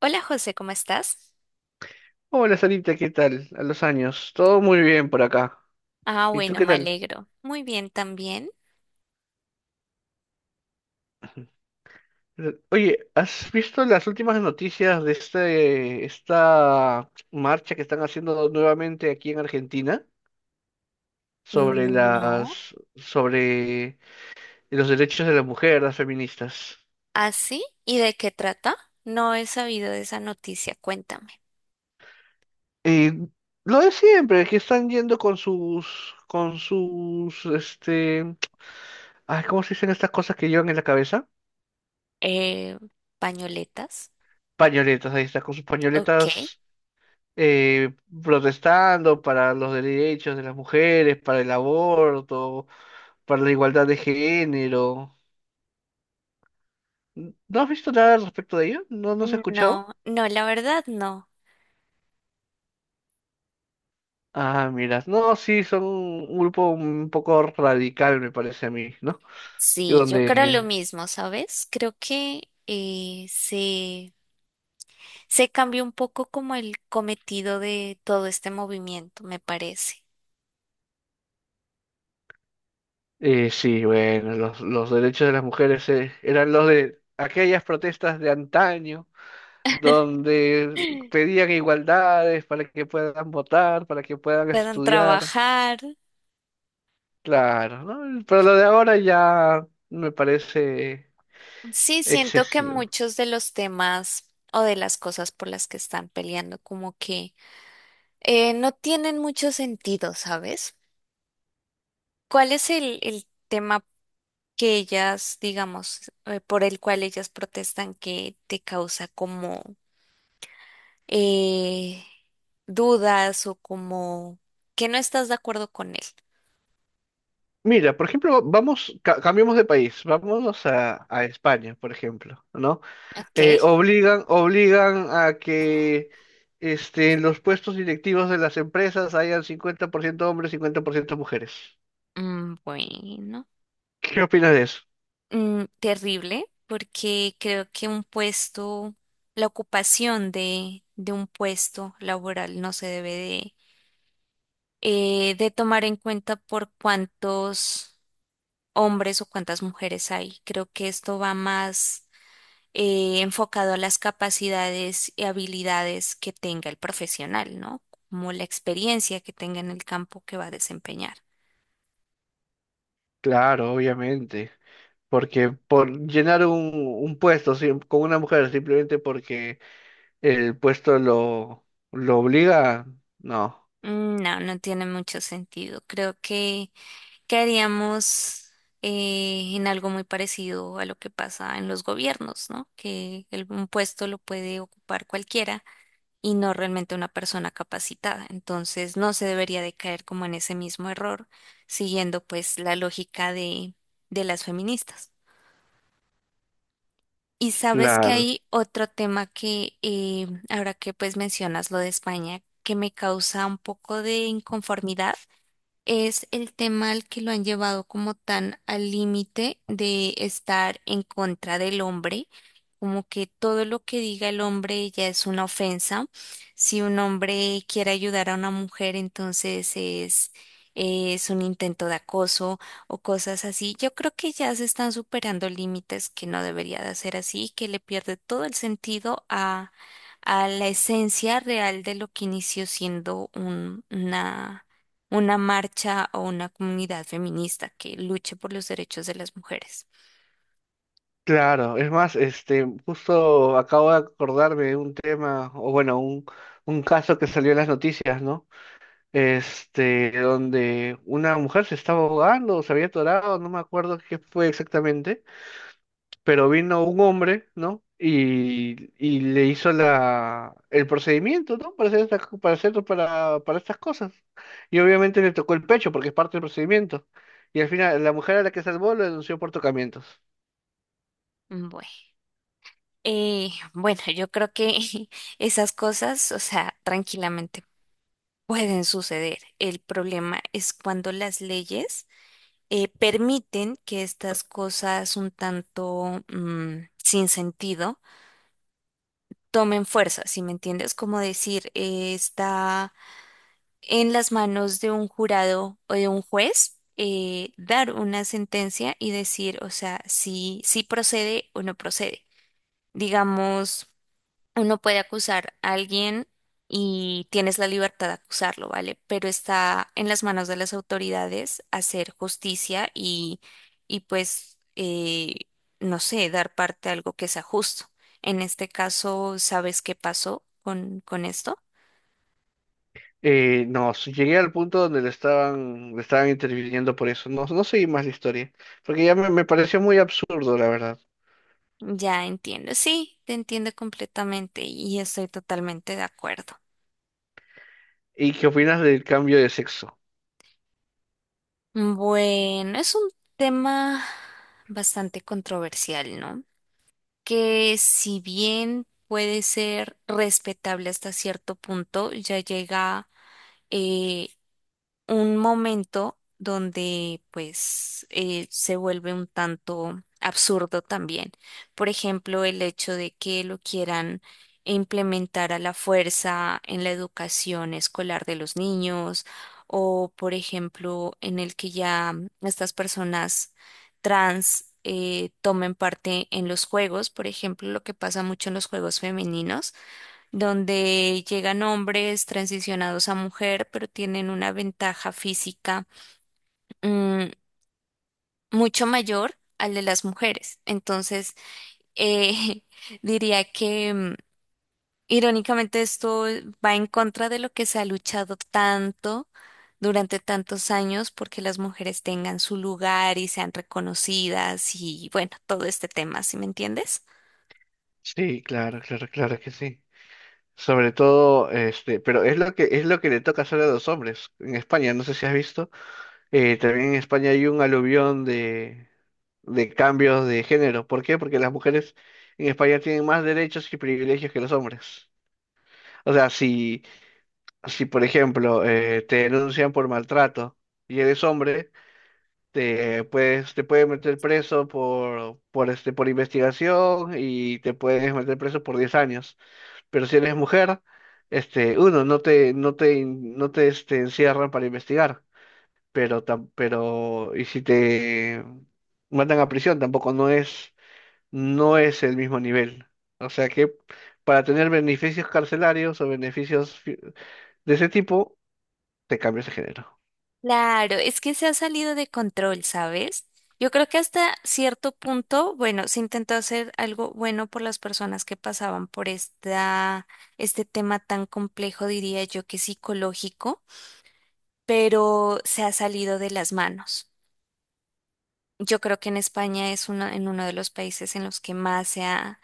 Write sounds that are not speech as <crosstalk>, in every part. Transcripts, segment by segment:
Hola José, ¿cómo estás? Hola Sarita, ¿qué tal? A los años. Todo muy bien por acá. Ah, ¿Y tú bueno, qué me tal? alegro. Muy bien también. <laughs> Oye, ¿has visto las últimas noticias de esta marcha que están haciendo nuevamente aquí en Argentina sobre No. Los derechos de la mujer, las feministas? ¿Ah, sí? ¿Y de qué trata? No he sabido de esa noticia, cuéntame. Eh, lo de siempre, que están yendo con sus, ay, ¿cómo se dicen estas cosas que llevan en la cabeza? Eh, ¿Pañoletas? Pañoletas, ahí está, con sus Ok. pañoletas eh, protestando para los derechos de las mujeres, para el aborto, para la igualdad de género. ¿No has visto nada al respecto de ello? No se ha escuchado? No, no, la verdad no. Ah, mira, no, sí, son un grupo un poco radical, me parece a mí, ¿no? Y Sí, yo creo lo donde, mismo, ¿sabes? Creo que se cambió un poco como el cometido de todo este movimiento, me parece. Sí, bueno, los derechos de las mujeres eran los de aquellas protestas de antaño, donde <gasps> pedían igualdades para que puedan votar, para que puedan Puedan estudiar. trabajar. Claro, ¿no? Pero lo de ahora ya me parece Sí, siento que excesivo. muchos de los temas o de las cosas por las que están peleando como que no tienen mucho sentido, ¿sabes? ¿Cuál es el tema que ellas, digamos, por el cual ellas protestan que te causa como eh, dudas o como que no estás de acuerdo con él? Mira, por ejemplo, vamos, cambiemos de país, vámonos a España, por ejemplo, ¿no? Ok. Obligan a que en los puestos directivos de las empresas hayan 50% hombres, 50% mujeres. Mm, bueno. ¿Qué opinas de eso? Mm, terrible porque creo que un puesto, la ocupación de un puesto laboral no se debe de tomar en cuenta por cuántos hombres o cuántas mujeres hay. Creo que esto va más enfocado a las capacidades y habilidades que tenga el profesional, ¿no? Como la experiencia que tenga en el campo que va a desempeñar. Claro, obviamente, porque por llenar un puesto con una mujer simplemente porque el puesto lo obliga. No, Mm, no, no tiene mucho sentido. Creo que caeríamos en algo muy parecido a lo que pasa en los gobiernos, ¿no? Que un puesto lo puede ocupar cualquiera y no realmente una persona capacitada. Entonces, no se debería de caer como en ese mismo error, siguiendo pues la lógica de las feministas. Y sabes que claro, hay otro tema que ahora que pues mencionas lo de España, que me causa un poco de inconformidad es el tema al que lo han llevado como tan al límite de estar en contra del hombre, como que todo lo que diga el hombre ya es una ofensa. Si un hombre quiere ayudar a una mujer, es un intento de acoso o cosas así. Yo creo que ya se están superando límites que no debería de ser así, que le pierde todo el sentido a la esencia real de lo que inició siendo una marcha o una comunidad feminista que luche por los derechos de las mujeres. claro. Es más, este, justo acabo de acordarme de un tema, o bueno, un caso que salió en las noticias, ¿no? Este, donde una mujer se estaba ahogando, se había atorado, no me acuerdo qué fue exactamente. Pero vino un hombre, ¿no? Y le hizo el procedimiento, ¿no? Para hacer, para estas cosas. Y obviamente le tocó el pecho porque es parte del procedimiento. Y al final, la mujer a la que salvó lo denunció por tocamientos. Bueno, bueno, yo creo que <laughs> esas cosas, o sea, tranquilamente pueden suceder. El problema es cuando las leyes permiten que estas cosas un tanto sin sentido tomen fuerza, si me entiendes, como decir, está en las manos de un jurado o de un juez dar una sentencia y decir, o sea, si procede o no procede. Digamos, uno puede acusar a alguien y tienes la libertad de acusarlo, ¿vale? Pero está en las manos de las autoridades hacer justicia y pues, no sé, dar parte a algo que sea justo. En este caso, ¿sabes qué pasó con esto? No, s- Llegué al punto donde le estaban interviniendo por eso. No, no seguí más la historia, porque ya me pareció muy absurdo, la verdad. Ya entiendo, sí, te entiendo completamente y estoy totalmente de acuerdo. ¿Y qué opinas del cambio de sexo? Bueno, es un tema bastante controversial, ¿no? Que si bien puede ser respetable hasta cierto punto, ya llega eh, un momento donde se vuelve un tanto absurdo también. Por ejemplo, el hecho de que lo quieran implementar a la fuerza en la educación escolar de los niños o, por ejemplo, en el que ya estas personas trans tomen parte en los juegos, por ejemplo, lo que pasa mucho en los juegos femeninos donde llegan hombres transicionados a mujer, pero tienen una ventaja física mm, mucho mayor al de las mujeres. Entonces, eh, <laughs> diría que irónicamente esto va en contra de lo que se ha luchado tanto durante tantos años porque las mujeres tengan su lugar y sean reconocidas y bueno, todo este tema, ¿sí me entiendes? Sí, claro, claro, claro que sí. Sobre todo, este, pero es lo que le toca hacer a los hombres en España. No sé si has visto. También en España hay un aluvión de cambios de género. ¿Por qué? Porque las mujeres en España tienen más derechos y privilegios que los hombres. O sea, si por ejemplo, te denuncian por maltrato y eres hombre, te pueden meter preso por investigación y te puedes meter preso por 10 años, pero si eres mujer, este, uno, no te, no te, no te, este, encierran para investigar, pero, si te mandan a prisión, tampoco no es el mismo nivel. O sea que para tener beneficios carcelarios o beneficios de ese tipo, te cambias de género. Claro, es que se ha salido de control, ¿sabes? Yo creo que hasta cierto punto, bueno, se intentó hacer algo bueno por las personas que pasaban por este tema tan complejo, diría yo que psicológico, pero se ha salido de las manos. Yo creo que en España en uno de los países en los que más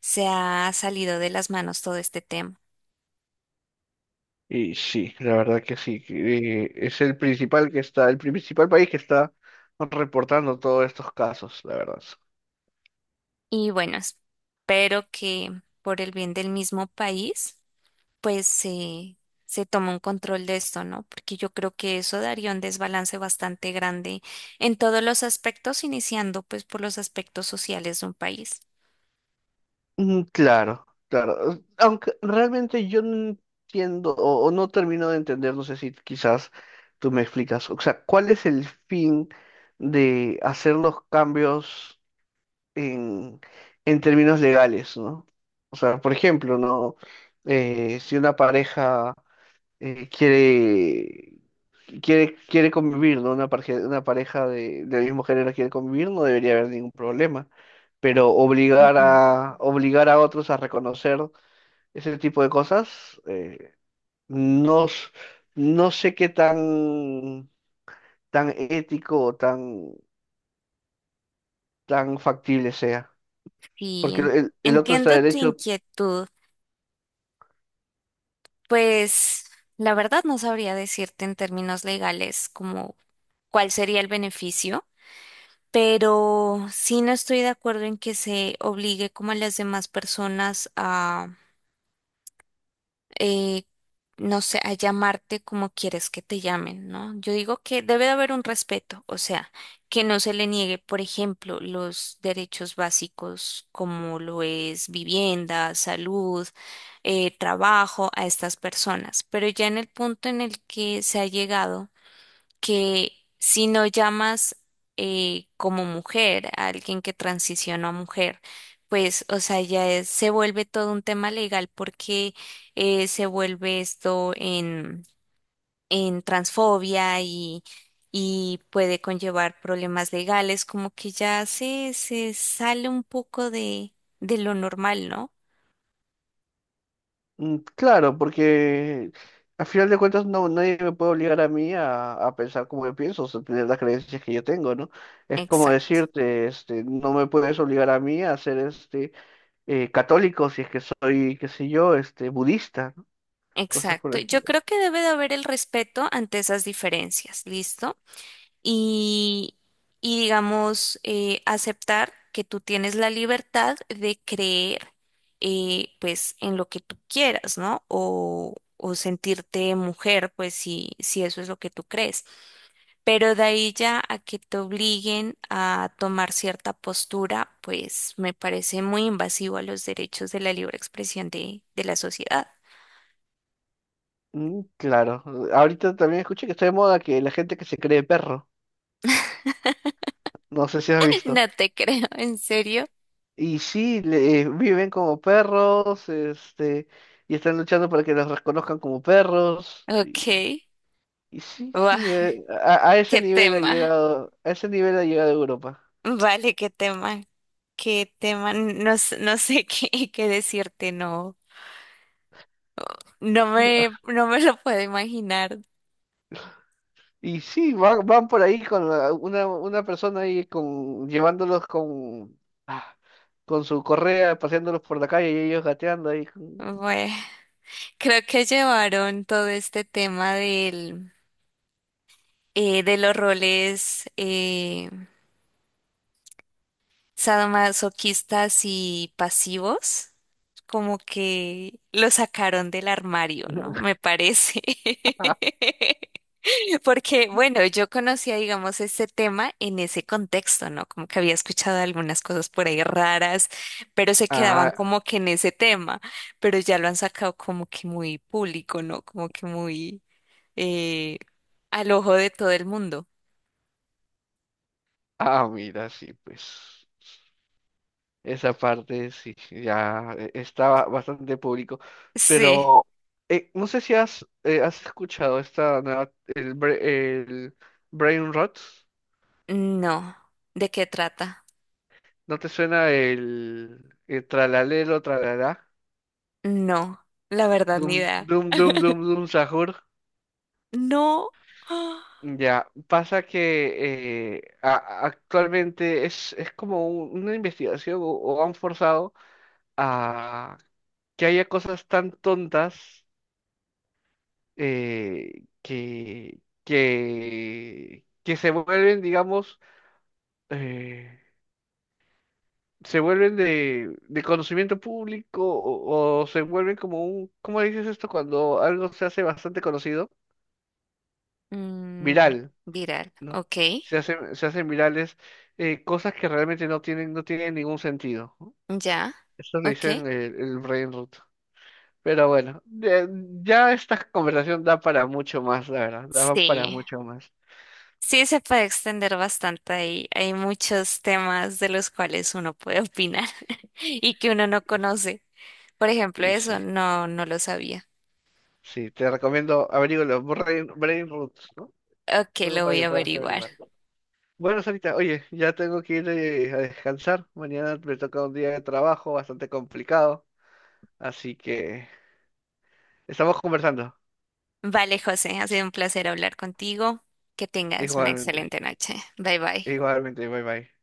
se ha salido de las manos todo este tema. Y sí, la verdad que sí, que, es el principal país que está reportando todos estos casos, la verdad. Y bueno, espero que por el bien del mismo país pues se, se toma un control de esto, ¿no? Porque yo creo que eso daría un desbalance bastante grande en todos los aspectos, iniciando pues por los aspectos sociales de un país. Mm, claro, claro. Aunque realmente yo no entiendo o no termino de entender, no sé si quizás tú me explicas, o sea, ¿cuál es el fin de hacer los cambios en, en términos legales, ¿no? O sea, por ejemplo, ¿no? Si una pareja eh, quiere quiere convivir, ¿no? Una pareja del mismo género quiere convivir, no debería haber ningún problema. Pero Mm, obligar a otros a reconocer ese tipo de cosas, no, s- no sé tan ético tan factible sea. sí, Porque el otro está entiendo tu derecho. inquietud. Pues la verdad no sabría decirte en términos legales como cuál sería el beneficio, pero sí no estoy de acuerdo en que se obligue como a las demás personas eh, no sé, a llamarte como quieres que te llamen, ¿no? Yo digo que debe de haber un respeto, o sea, que no se le niegue, por ejemplo, los derechos básicos como lo es vivienda, salud, trabajo a estas personas, pero ya en el punto en el que se ha llegado que si no llamas como mujer a alguien que transicionó a mujer, pues, o sea, se vuelve todo un tema legal porque se vuelve esto en transfobia y puede conllevar problemas legales, como que se sale un poco de lo normal, ¿no? Mm, claro, porque al final de cuentas nadie me puede obligar a mí a pensar como yo pienso, o sea, tener las creencias que yo tengo, ¿no? Es como Exacto, decirte, este, no me puedes obligar a mí a ser católico si es que soy, qué sé yo, este budista, ¿no? Cosas por el exacto. Yo estilo. creo que debe de haber el respeto ante esas diferencias, ¿listo? Y, y digamos, aceptar que tú tienes la libertad de creer, pues, en lo que tú quieras, ¿no? O sentirte mujer, pues, si eso es lo que tú crees. Pero de ahí ya a que te obliguen a tomar cierta postura, pues, me parece muy invasivo a los derechos de la libre expresión de la sociedad. Mm, claro. Ahorita también escuché que está de moda que la gente que se cree perro, no sé si has <laughs> visto. No te creo, ¿en serio? Y sí, viven como perros, este, y están luchando para que los reconozcan como perros. Ok. Y sí, Guau, sí, a ese qué nivel ha tema. llegado, a ese nivel ha llegado Europa. Vale, qué tema, no, no sé <laughs> qué decirte, no, <laughs> no me lo puedo imaginar. Y sí, van, van por ahí con una persona ahí con, llevándolos ah, con su correa, paseándolos por la calle y ellos gateando ahí. Bueno, creo que llevaron todo este tema de los roles sadomasoquistas y pasivos, como que lo sacaron del armario, ¿no? Me parece. <laughs> <laughs> <laughs> Porque, bueno, yo conocía, digamos, este tema en ese contexto, ¿no? Como que había escuchado algunas cosas por ahí raras, pero se quedaban Ah, como que en ese tema, pero ya lo han sacado como que muy público, ¿no? Como que muy eh, al ojo de todo el mundo. ah, mira, sí, pues esa parte sí, ya estaba bastante público. Sí. Pero no sé si has escuchado esta nueva, el Brain Rot. No. ¿De qué trata? ¿No te suena el tralalero, tralalá? No. La verdad, Dum, ni idea. dum, dum, dum, dum, sahur. No. <gasps> Ah. Ya, pasa que actualmente es como una investigación o han forzado a que haya cosas tan tontas eh, que, que se vuelven, digamos, eh, se vuelven de conocimiento público o se vuelven como un, ¿cómo dices esto? Cuando algo se hace bastante conocido, Mm, viral, viral. ¿no? Ok. Se hacen virales cosas que realmente no tienen, no tienen ningún sentido. ¿No? Ya. Eso le Ok. dicen el brain rot. Pero bueno, ya esta conversación da para mucho más, la verdad, da para Sí. mucho más. Sí, se puede extender bastante ahí, hay muchos temas de los cuales uno puede opinar <laughs> y que uno no Y, conoce. Por ejemplo, y eso sí, no, no lo sabía. sí, te recomiendo averígualo, brain rot, ¿no? Ok, Algo lo para voy que a puedas averiguar. averiguar. Bueno, Sarita, oye, ya tengo que ir a descansar. Mañana me toca un día de trabajo bastante complicado, así que estamos conversando. Vale, José, ha sido un placer hablar contigo. Que tengas una Igualmente, excelente noche. Bye bye. igualmente, bye bye.